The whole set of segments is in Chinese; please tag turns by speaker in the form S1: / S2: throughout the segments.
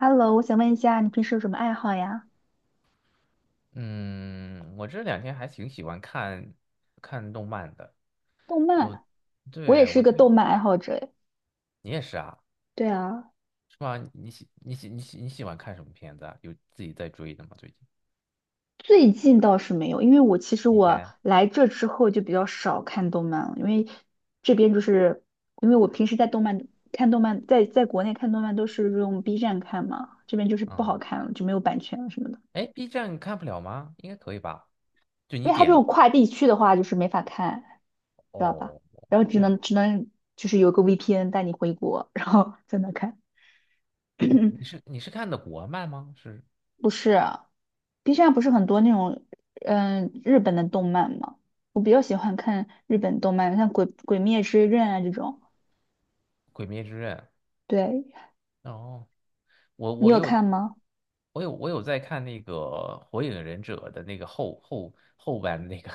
S1: Hello，我想问一下，你平时有什么爱好呀？
S2: 嗯，我这两天还挺喜欢看看动漫的。
S1: 动
S2: 我，
S1: 漫，我也
S2: 对，
S1: 是一
S2: 我
S1: 个
S2: 最，
S1: 动漫爱好者诶。
S2: 你也是啊，
S1: 对啊，
S2: 是吧？你喜欢看什么片子啊？有自己在追的吗？最近？
S1: 最近倒是没有，因为我其实
S2: 以
S1: 我
S2: 前？
S1: 来这之后就比较少看动漫了，因为这边就是因为我平时在动漫看动漫，在国内看动漫都是用 B 站看嘛，这边就是不好
S2: 嗯，
S1: 看了，就没有版权了什么的。
S2: 哎，B 站看不了吗？应该可以吧？就
S1: 因
S2: 你
S1: 为它这
S2: 点，
S1: 种跨地区的话，就是没法看，知道吧？
S2: 哦，
S1: 然后
S2: 是
S1: 只
S2: 这样。
S1: 能只能就是有个 VPN 带你回国，然后在那看。
S2: 你你 是你是看的国漫吗？是
S1: 不是，B 站不是很多那种日本的动漫吗？我比较喜欢看日本动漫，像《鬼灭之刃》啊这种。
S2: 《鬼灭之刃》？
S1: 对，
S2: 哦，我
S1: 你
S2: 我
S1: 有
S2: 又
S1: 看吗？
S2: 我有在看那个《火影忍者》的那个后半那个，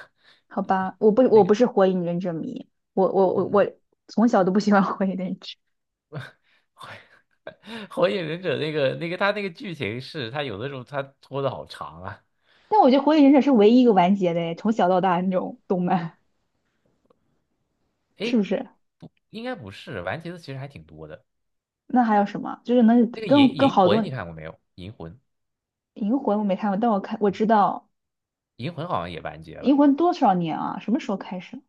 S1: 好吧，我不是火影忍者迷，我
S2: 嗯，
S1: 从小都不喜欢火影忍者，
S2: 《火影忍者》那个他那个剧情是，他有的时候他拖的好长啊。
S1: 但我觉得火影忍者是唯一一个完结的诶，从小到大那种动漫，是不
S2: 诶，
S1: 是？
S2: 不，应该不是，完结的其实还挺多的。
S1: 那还有什么？就是能
S2: 那个
S1: 跟
S2: 银
S1: 跟
S2: 银
S1: 好多
S2: 魂你看过没有？银魂，
S1: 银魂我没看过，但我看我知道
S2: 银魂好像也完结了。
S1: 银魂多少年啊？什么时候开始？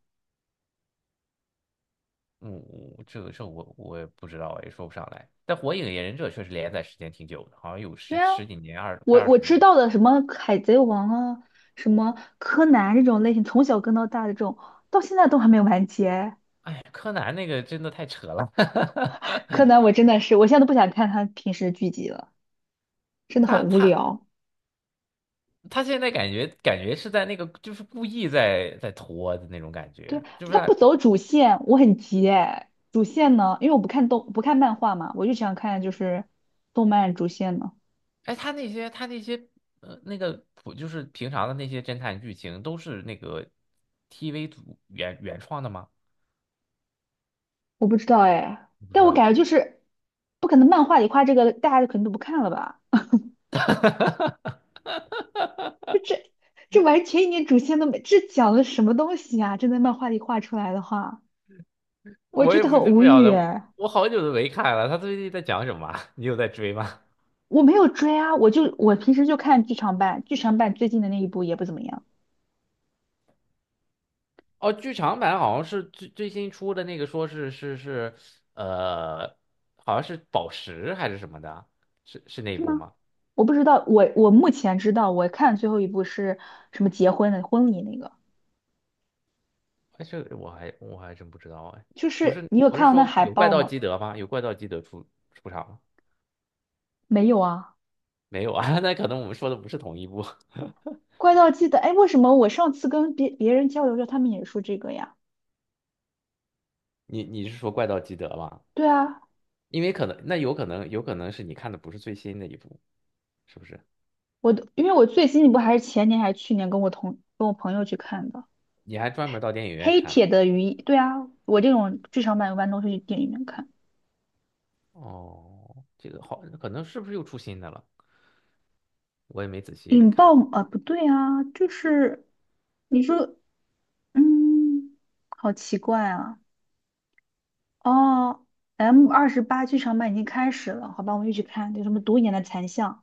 S2: 嗯，我这个这我我也不知道，也说不上来。但《火影忍者》确实连载时间挺久的，好像有
S1: 对
S2: 十
S1: 啊，
S2: 十几年，二快
S1: 我
S2: 二十
S1: 我
S2: 年。
S1: 知道的什么海贼王啊，什么柯南这种类型，从小跟到大的这种，到现在都还没有完结。
S2: 哎柯南那个真的太扯了，
S1: 柯南我真的是，我现在都不想看他平时剧集了，真的很
S2: 他
S1: 无
S2: 他
S1: 聊。
S2: 他现在感觉是在那个就是故意在拖的那种感
S1: 对，
S2: 觉，就是
S1: 他不
S2: 他
S1: 走主线，我很急哎。主线呢，因为我不看漫画嘛，我就想看就是动漫主线呢。
S2: 哎他那些呃那个普就是平常的那些侦探剧情都是那个 TV 组原创的吗？
S1: 我不知道哎，
S2: 我不知
S1: 但我
S2: 道，
S1: 感觉就是不可能漫画里画这个，大家肯定都不看了吧？这完全一点主线都没，这讲的什么东西啊？真的漫画里画出来的话。我
S2: 我
S1: 觉
S2: 也
S1: 得
S2: 不
S1: 很
S2: 知
S1: 无
S2: 不晓
S1: 语
S2: 得，
S1: 哎。
S2: 我好久都没看了，他最近在讲什么啊 你有在追吗？
S1: 我没有追啊，我平时就看剧场版，剧场版最近的那一部也不怎么样，
S2: 哦，剧场版好像是最新出的那个，说呃，好像是宝石还是什么的啊，是那一
S1: 是
S2: 部
S1: 吗？
S2: 吗？
S1: 我不知道，我目前知道，我看最后一部是什么结婚的婚礼那个，
S2: 哎，这个我还真不知道哎，
S1: 就
S2: 不
S1: 是
S2: 是
S1: 你有
S2: 不是
S1: 看到那
S2: 说
S1: 海
S2: 有怪
S1: 报
S2: 盗
S1: 吗？
S2: 基德吗？有怪盗基德出场吗？
S1: 没有啊，
S2: 没有啊，那可能我们说的不是同一部。
S1: 怪盗基德，哎，为什么我上次跟别人交流着，他们也说这个呀？
S2: 你是说怪盗基德吗？
S1: 对啊，
S2: 因为可能那有可能有可能是你看的不是最新的一部，是不是？
S1: 我都因为我最新一部还是前年还是去年跟跟我朋友去看的
S2: 你还专门到电影院去
S1: 《黑
S2: 看了？
S1: 铁的鱼，对啊，我这种剧场版一般都是去电影院看。
S2: 哦，这个好，可能是不是又出新的了？我也没仔细
S1: 引
S2: 看。
S1: 爆啊，不对啊，就是你说，嗯，好奇怪啊。哦，M28剧场版已经开始了，好吧，我们一起看，有什么独眼的残像，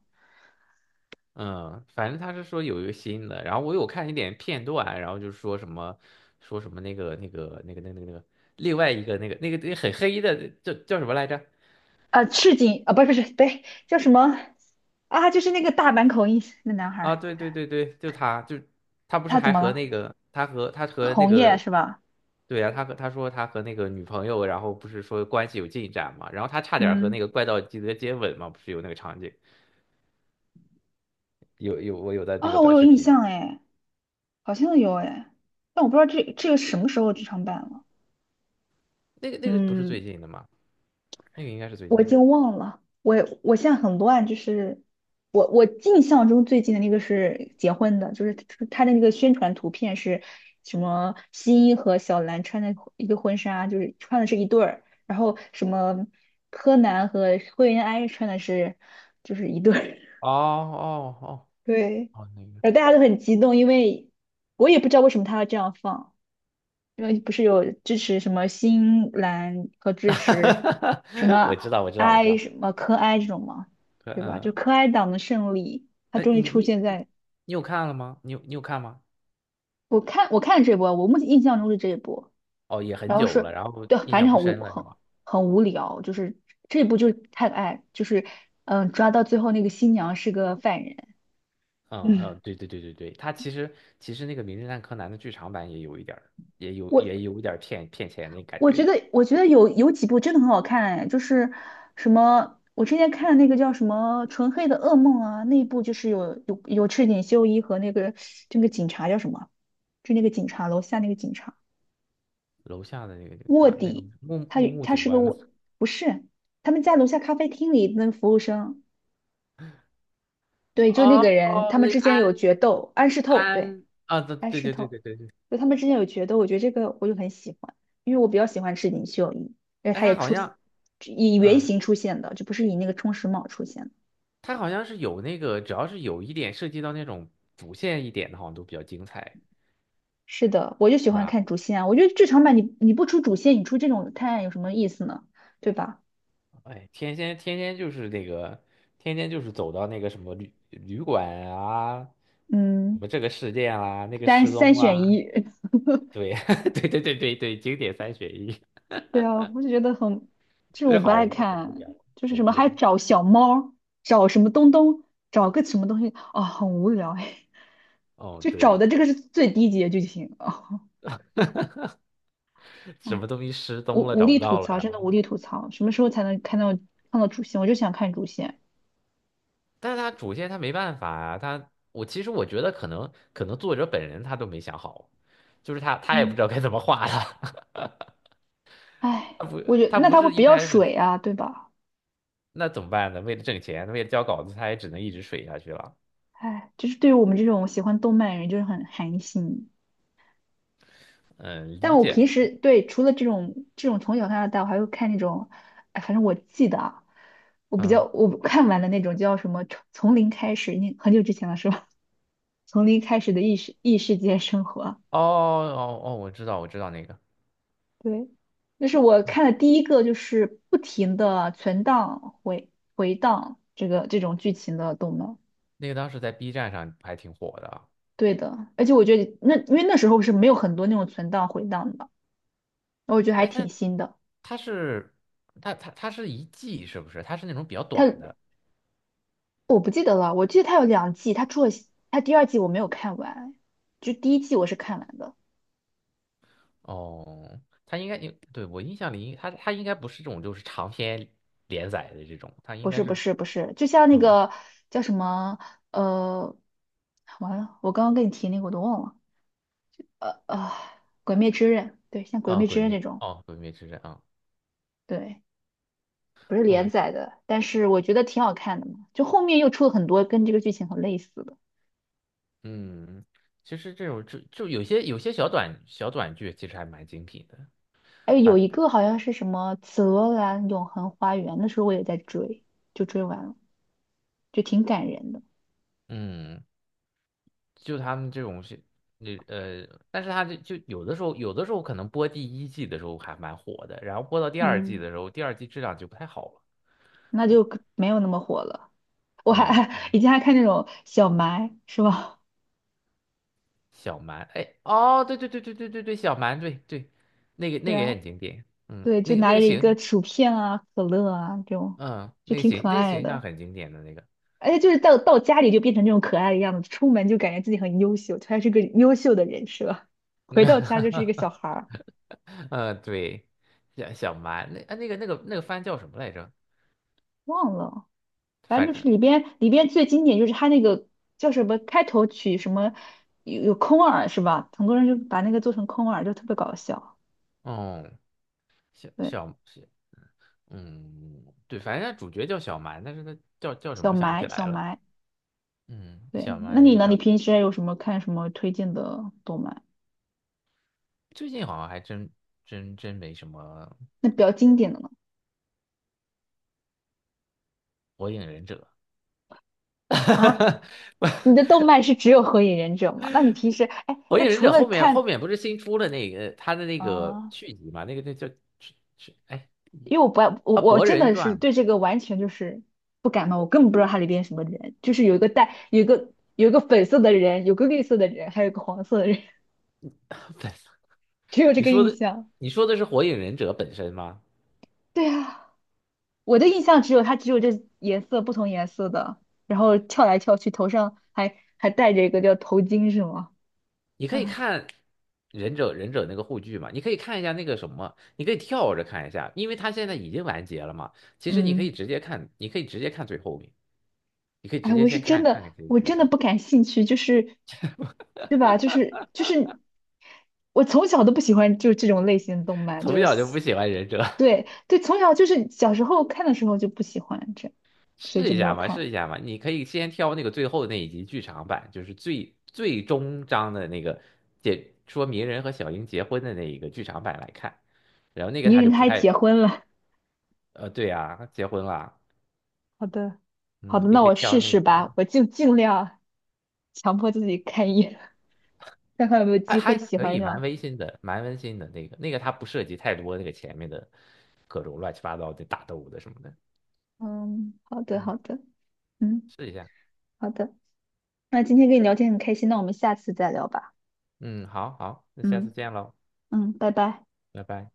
S2: 嗯，反正他是说有一个新的，然后我有看一点片段，然后就说什么那个另外一个那个很黑的叫什么来着？
S1: 啊，赤井啊，不是不是，对，叫什么啊？就是那个大阪口音那男孩
S2: 啊，
S1: 儿
S2: 对对对对，就他他不是
S1: 他怎
S2: 还
S1: 么
S2: 和
S1: 了？
S2: 那个他和那
S1: 红叶
S2: 个
S1: 是吧？
S2: 对啊，他和那个女朋友，然后不是说关系有进展嘛，然后他差点和
S1: 嗯，
S2: 那个怪盗基德接吻嘛，不是有那个场景，我有的那个
S1: 啊，我
S2: 短
S1: 有
S2: 视
S1: 印
S2: 频，
S1: 象哎，好像有哎，但我不知道这个什么时候剧场版了。
S2: 那个不是
S1: 嗯。
S2: 最近的吗？那个应该是最
S1: 我已
S2: 近的。
S1: 经忘了，我现在很乱，就是我印象中最近的那个是结婚的，就是他的那个宣传图片是什么新一和小兰穿的一个婚纱，就是穿的是一对儿，然后什么柯南和灰原哀穿的是就是一对儿，
S2: 哦哦哦
S1: 对，
S2: 哦，那个。
S1: 然后大家都很激动，因为我也不知道为什么他要这样放。因为不是有支持什么新兰和 支
S2: 哈
S1: 持
S2: 哈哈，
S1: 什
S2: 我
S1: 么
S2: 知道，我知道，我知
S1: 哀
S2: 道。
S1: 什么科哀这种吗？对吧？
S2: 嗯，
S1: 就科哀党的胜利，他
S2: 哎，
S1: 终
S2: 你
S1: 于出
S2: 你
S1: 现
S2: 你
S1: 在
S2: 你有看了吗？你有看吗？
S1: 我看这波，我目前印象中是这一波。
S2: 哦，也很
S1: 然后
S2: 久了，然后
S1: 对，
S2: 印
S1: 反
S2: 象
S1: 正
S2: 不
S1: 很无
S2: 深了，是
S1: 很
S2: 吗？
S1: 很无聊，就是这一部就是太爱，就是抓到最后那个新娘是个犯人。
S2: 嗯还有，
S1: 嗯，
S2: 对对对对对，它其实那个《名侦探柯南》的剧场版也有一点儿，也有也
S1: 我
S2: 有一点儿骗骗钱那感
S1: 我觉
S2: 觉。
S1: 得，我觉得有有几部真的很好看，哎，就是什么，我之前看的那个叫什么《纯黑的噩梦》啊，那一部就是有赤井秀一和那个这个警察叫什么，就那个警察楼下那个警察
S2: 楼下的那个警
S1: 卧
S2: 察，那个
S1: 底，
S2: 木
S1: 他
S2: 木木
S1: 他
S2: 警
S1: 是个
S2: 官吗？
S1: 卧，不是，他们在楼下咖啡厅里那个服务生，对，就那
S2: 哦，
S1: 个人，他们
S2: 那
S1: 之
S2: 个
S1: 间
S2: 安
S1: 有决斗，安室透，对。
S2: 安啊，
S1: 安
S2: 对对
S1: 石
S2: 对对
S1: 头，
S2: 对对对，
S1: 就他们之间有觉得，我觉得这个我就很喜欢，因为我比较喜欢赤井秀一，而且
S2: 哎，
S1: 他
S2: 他
S1: 也
S2: 好
S1: 出
S2: 像，
S1: 以原
S2: 嗯，
S1: 型出现的，就不是以那个冲绳茂出现的。
S2: 他好像是有那个，只要是有一点涉及到那种主线一点的，好像都比较精彩。
S1: 是的，我就喜
S2: 是
S1: 欢
S2: 吧？
S1: 看主线啊我觉得剧场版你不出主线，你出这种探案有什么意思呢？对吧？
S2: 哎，天天就是那个，天天就是走到那个什么旅馆啊，什
S1: 嗯，
S2: 么这个事件啦、那个
S1: 三
S2: 失
S1: 三
S2: 踪
S1: 选
S2: 啦、
S1: 一。
S2: 对，对对对对对，经典三选一，
S1: 对啊，我就觉得很，这种
S2: 这
S1: 我不爱
S2: 好无
S1: 看，
S2: 聊，
S1: 就是
S2: 好
S1: 什
S2: 无
S1: 么
S2: 聊。
S1: 还找小猫儿找什么东东，找个什么东西，啊、很无聊哎，
S2: 哦，
S1: 就
S2: 对
S1: 找
S2: 对，
S1: 的这个是最低级的剧情啊。
S2: 什
S1: 哎
S2: 么东西失
S1: 无
S2: 踪了，
S1: 无
S2: 找
S1: 力
S2: 不
S1: 吐
S2: 到了，
S1: 槽，
S2: 然
S1: 真
S2: 后
S1: 的无
S2: 他，
S1: 力吐槽。什么时候才能看到主线？我就想看主线。
S2: 但是他主线他没办法啊，我其实我觉得可能作者本人他都没想好，就是他也不
S1: 嗯，
S2: 知道该怎么画了，
S1: 唉，
S2: 他不
S1: 我觉得
S2: 他
S1: 那
S2: 不
S1: 他会
S2: 是
S1: 比
S2: 一
S1: 较
S2: 开始。
S1: 水啊，对吧？
S2: 那怎么办呢？为了挣钱，为了交稿子，他也只能一直水下去了。
S1: 唉，就是对于我们这种喜欢动漫的人，就是很寒心。
S2: 嗯，
S1: 但
S2: 理
S1: 我
S2: 解。
S1: 平时对除了这种从小看到大，我还会看那种，哎，反正我记得啊，我比较
S2: 嗯，
S1: 我看完的那种叫什么《从零开始》，那很久之前了是吧？从零开始的异世界生活，
S2: 哦，我知道，我知道那个，
S1: 对，那是我看的第一个，就是不停的存档回档这种剧情的动漫。
S2: 那个当时在 B 站上还挺火的啊。
S1: 对的，而且我觉得那因为那时候是没有很多那种存档回档的，我觉得还
S2: 哎，
S1: 挺新的。
S2: 他是他是一季是不是？他是那种比较
S1: 它
S2: 短的。
S1: 我不记得了，我记得它有两季，它出了它第二季我没有看完，就第一季我是看完的。
S2: 哦，他应该应对我印象里，他应该不是这种就是长篇连载的这种，他应
S1: 不
S2: 该
S1: 是不
S2: 是
S1: 是不是，就像那
S2: 嗯
S1: 个叫什么呃，完了，我刚刚跟你提那个我都忘了，呃呃，《鬼灭之刃》对，像《鬼
S2: 啊，
S1: 灭之
S2: 鬼
S1: 刃》这
S2: 灭
S1: 种。
S2: 哦，鬼灭之刃啊，
S1: 对，不是连
S2: 嗯
S1: 载的，但是我觉得挺好看的嘛。就后面又出了很多跟这个剧情很类似的，
S2: 嗯。其实这种有些小短剧，其实还蛮精品的。
S1: 哎，有
S2: 他
S1: 一个好像是什么《紫罗兰永恒花园》，那时候我也在追，就追完了，就挺感人的。
S2: 嗯，就他们这种是，那呃，但是他就就有的时候，有的时候可能播第一季的时候还蛮火的，然后播到第二季
S1: 嗯，
S2: 的时候，第二季质量就不太好了。
S1: 那就可没有那么火了。我还
S2: 嗯，对，
S1: 以前还看那种小埋，是吧？
S2: 小蛮，哎，哦，对对对对对对对，小蛮，对对，那个
S1: 对
S2: 那个也
S1: 啊，
S2: 很经典，嗯，
S1: 对，就
S2: 那个
S1: 拿
S2: 那
S1: 着
S2: 个
S1: 一个
S2: 形，
S1: 薯片啊、可乐啊这种，
S2: 嗯，
S1: 就
S2: 那个
S1: 挺
S2: 形
S1: 可
S2: 那个
S1: 爱
S2: 形象
S1: 的。
S2: 很经典的那个，
S1: 而且就是到家里就变成这种可爱的样子，出门就感觉自己很优秀，他是个优秀的人设，回到家就是一个小 孩儿，
S2: 嗯，对，小蛮，那啊那个那个那个番叫什么来着？
S1: 忘了，反
S2: 反
S1: 正就是
S2: 正，
S1: 里边最经典就是他那个叫什么开头曲什么有空耳是吧？很多人就把那个做成空耳，就特别搞笑。
S2: 嗯，
S1: 对，
S2: 小小。嗯，对，反正他主角叫小蛮，但是他叫什
S1: 小
S2: 么想不起
S1: 埋小
S2: 来了。
S1: 埋，
S2: 嗯，
S1: 对，
S2: 小
S1: 那
S2: 蛮这
S1: 你
S2: 个
S1: 呢？你
S2: 小，
S1: 平时还有什么看什么推荐的动漫？
S2: 最近好像还真没什么
S1: 那比较经典的呢？
S2: 《火影忍者》。
S1: 啊，你的动漫是只有《火影忍者》吗？那你平时哎，
S2: 火
S1: 那
S2: 影忍
S1: 除
S2: 者
S1: 了
S2: 后面后
S1: 看
S2: 面不是新出了那个他的那个
S1: 啊？
S2: 续集嘛？那叫是是哎
S1: 因为我不爱我
S2: 啊
S1: 我
S2: 《博
S1: 真
S2: 人
S1: 的是
S2: 传》。
S1: 对这个完全就是不感冒，我根本不知道它里边什么人，就是有一个粉色的人，有个绿色的人，还有个黄色的人，只有这
S2: 你
S1: 个
S2: 说
S1: 印
S2: 的
S1: 象。
S2: 你说的是《火影忍者》本身吗？
S1: 对啊，我的印象只有它只有这颜色不同颜色的，然后跳来跳去，头上还戴着一个叫头巾是吗？
S2: 你可以
S1: 啊，
S2: 看忍者那个护具嘛，你可以看一下那个什么，你可以跳着看一下，因为它现在已经完结了嘛。其实你可以
S1: 嗯。
S2: 直接看，你可以直接看最后面，你可以
S1: 哎，
S2: 直接
S1: 我是
S2: 先
S1: 真
S2: 看看
S1: 的，
S2: 看结
S1: 我
S2: 局
S1: 真
S2: 什
S1: 的
S2: 么。
S1: 不感兴趣，就是，对吧？就是，我从小都不喜欢就是这种类型的动漫，
S2: 从
S1: 就
S2: 小就
S1: 是
S2: 不喜欢忍者，
S1: 对对，从小就是小时候看的时候就不喜欢这样 所以
S2: 试
S1: 就
S2: 一
S1: 没有
S2: 下嘛，试
S1: 看。
S2: 一下嘛。你可以先挑那个最后那一集剧场版，就是最终章的那个解说鸣人和小樱结婚的那一个剧场版来看，然后那个
S1: 泥
S2: 他就
S1: 人他
S2: 不
S1: 还
S2: 太
S1: 结婚了，
S2: 对啊，结婚了，
S1: 好的，好
S2: 嗯，
S1: 的，
S2: 你
S1: 那
S2: 可以
S1: 我
S2: 挑
S1: 试
S2: 那
S1: 试
S2: 个。
S1: 吧，我就尽量强迫自己看一眼，看看有没有
S2: 还
S1: 机会
S2: 还
S1: 喜
S2: 可
S1: 欢
S2: 以，蛮
S1: 上。
S2: 温馨的，蛮温馨的那个，它不涉及太多那个前面的各种乱七八糟的打斗的什么的。
S1: 嗯，好的，
S2: 嗯，
S1: 好的，嗯，
S2: 试一下。
S1: 好的，那今天跟你聊天很开心，那我们下次再聊吧。
S2: 嗯，好好，那下次
S1: 嗯。
S2: 见喽，
S1: 嗯，拜拜。
S2: 拜拜。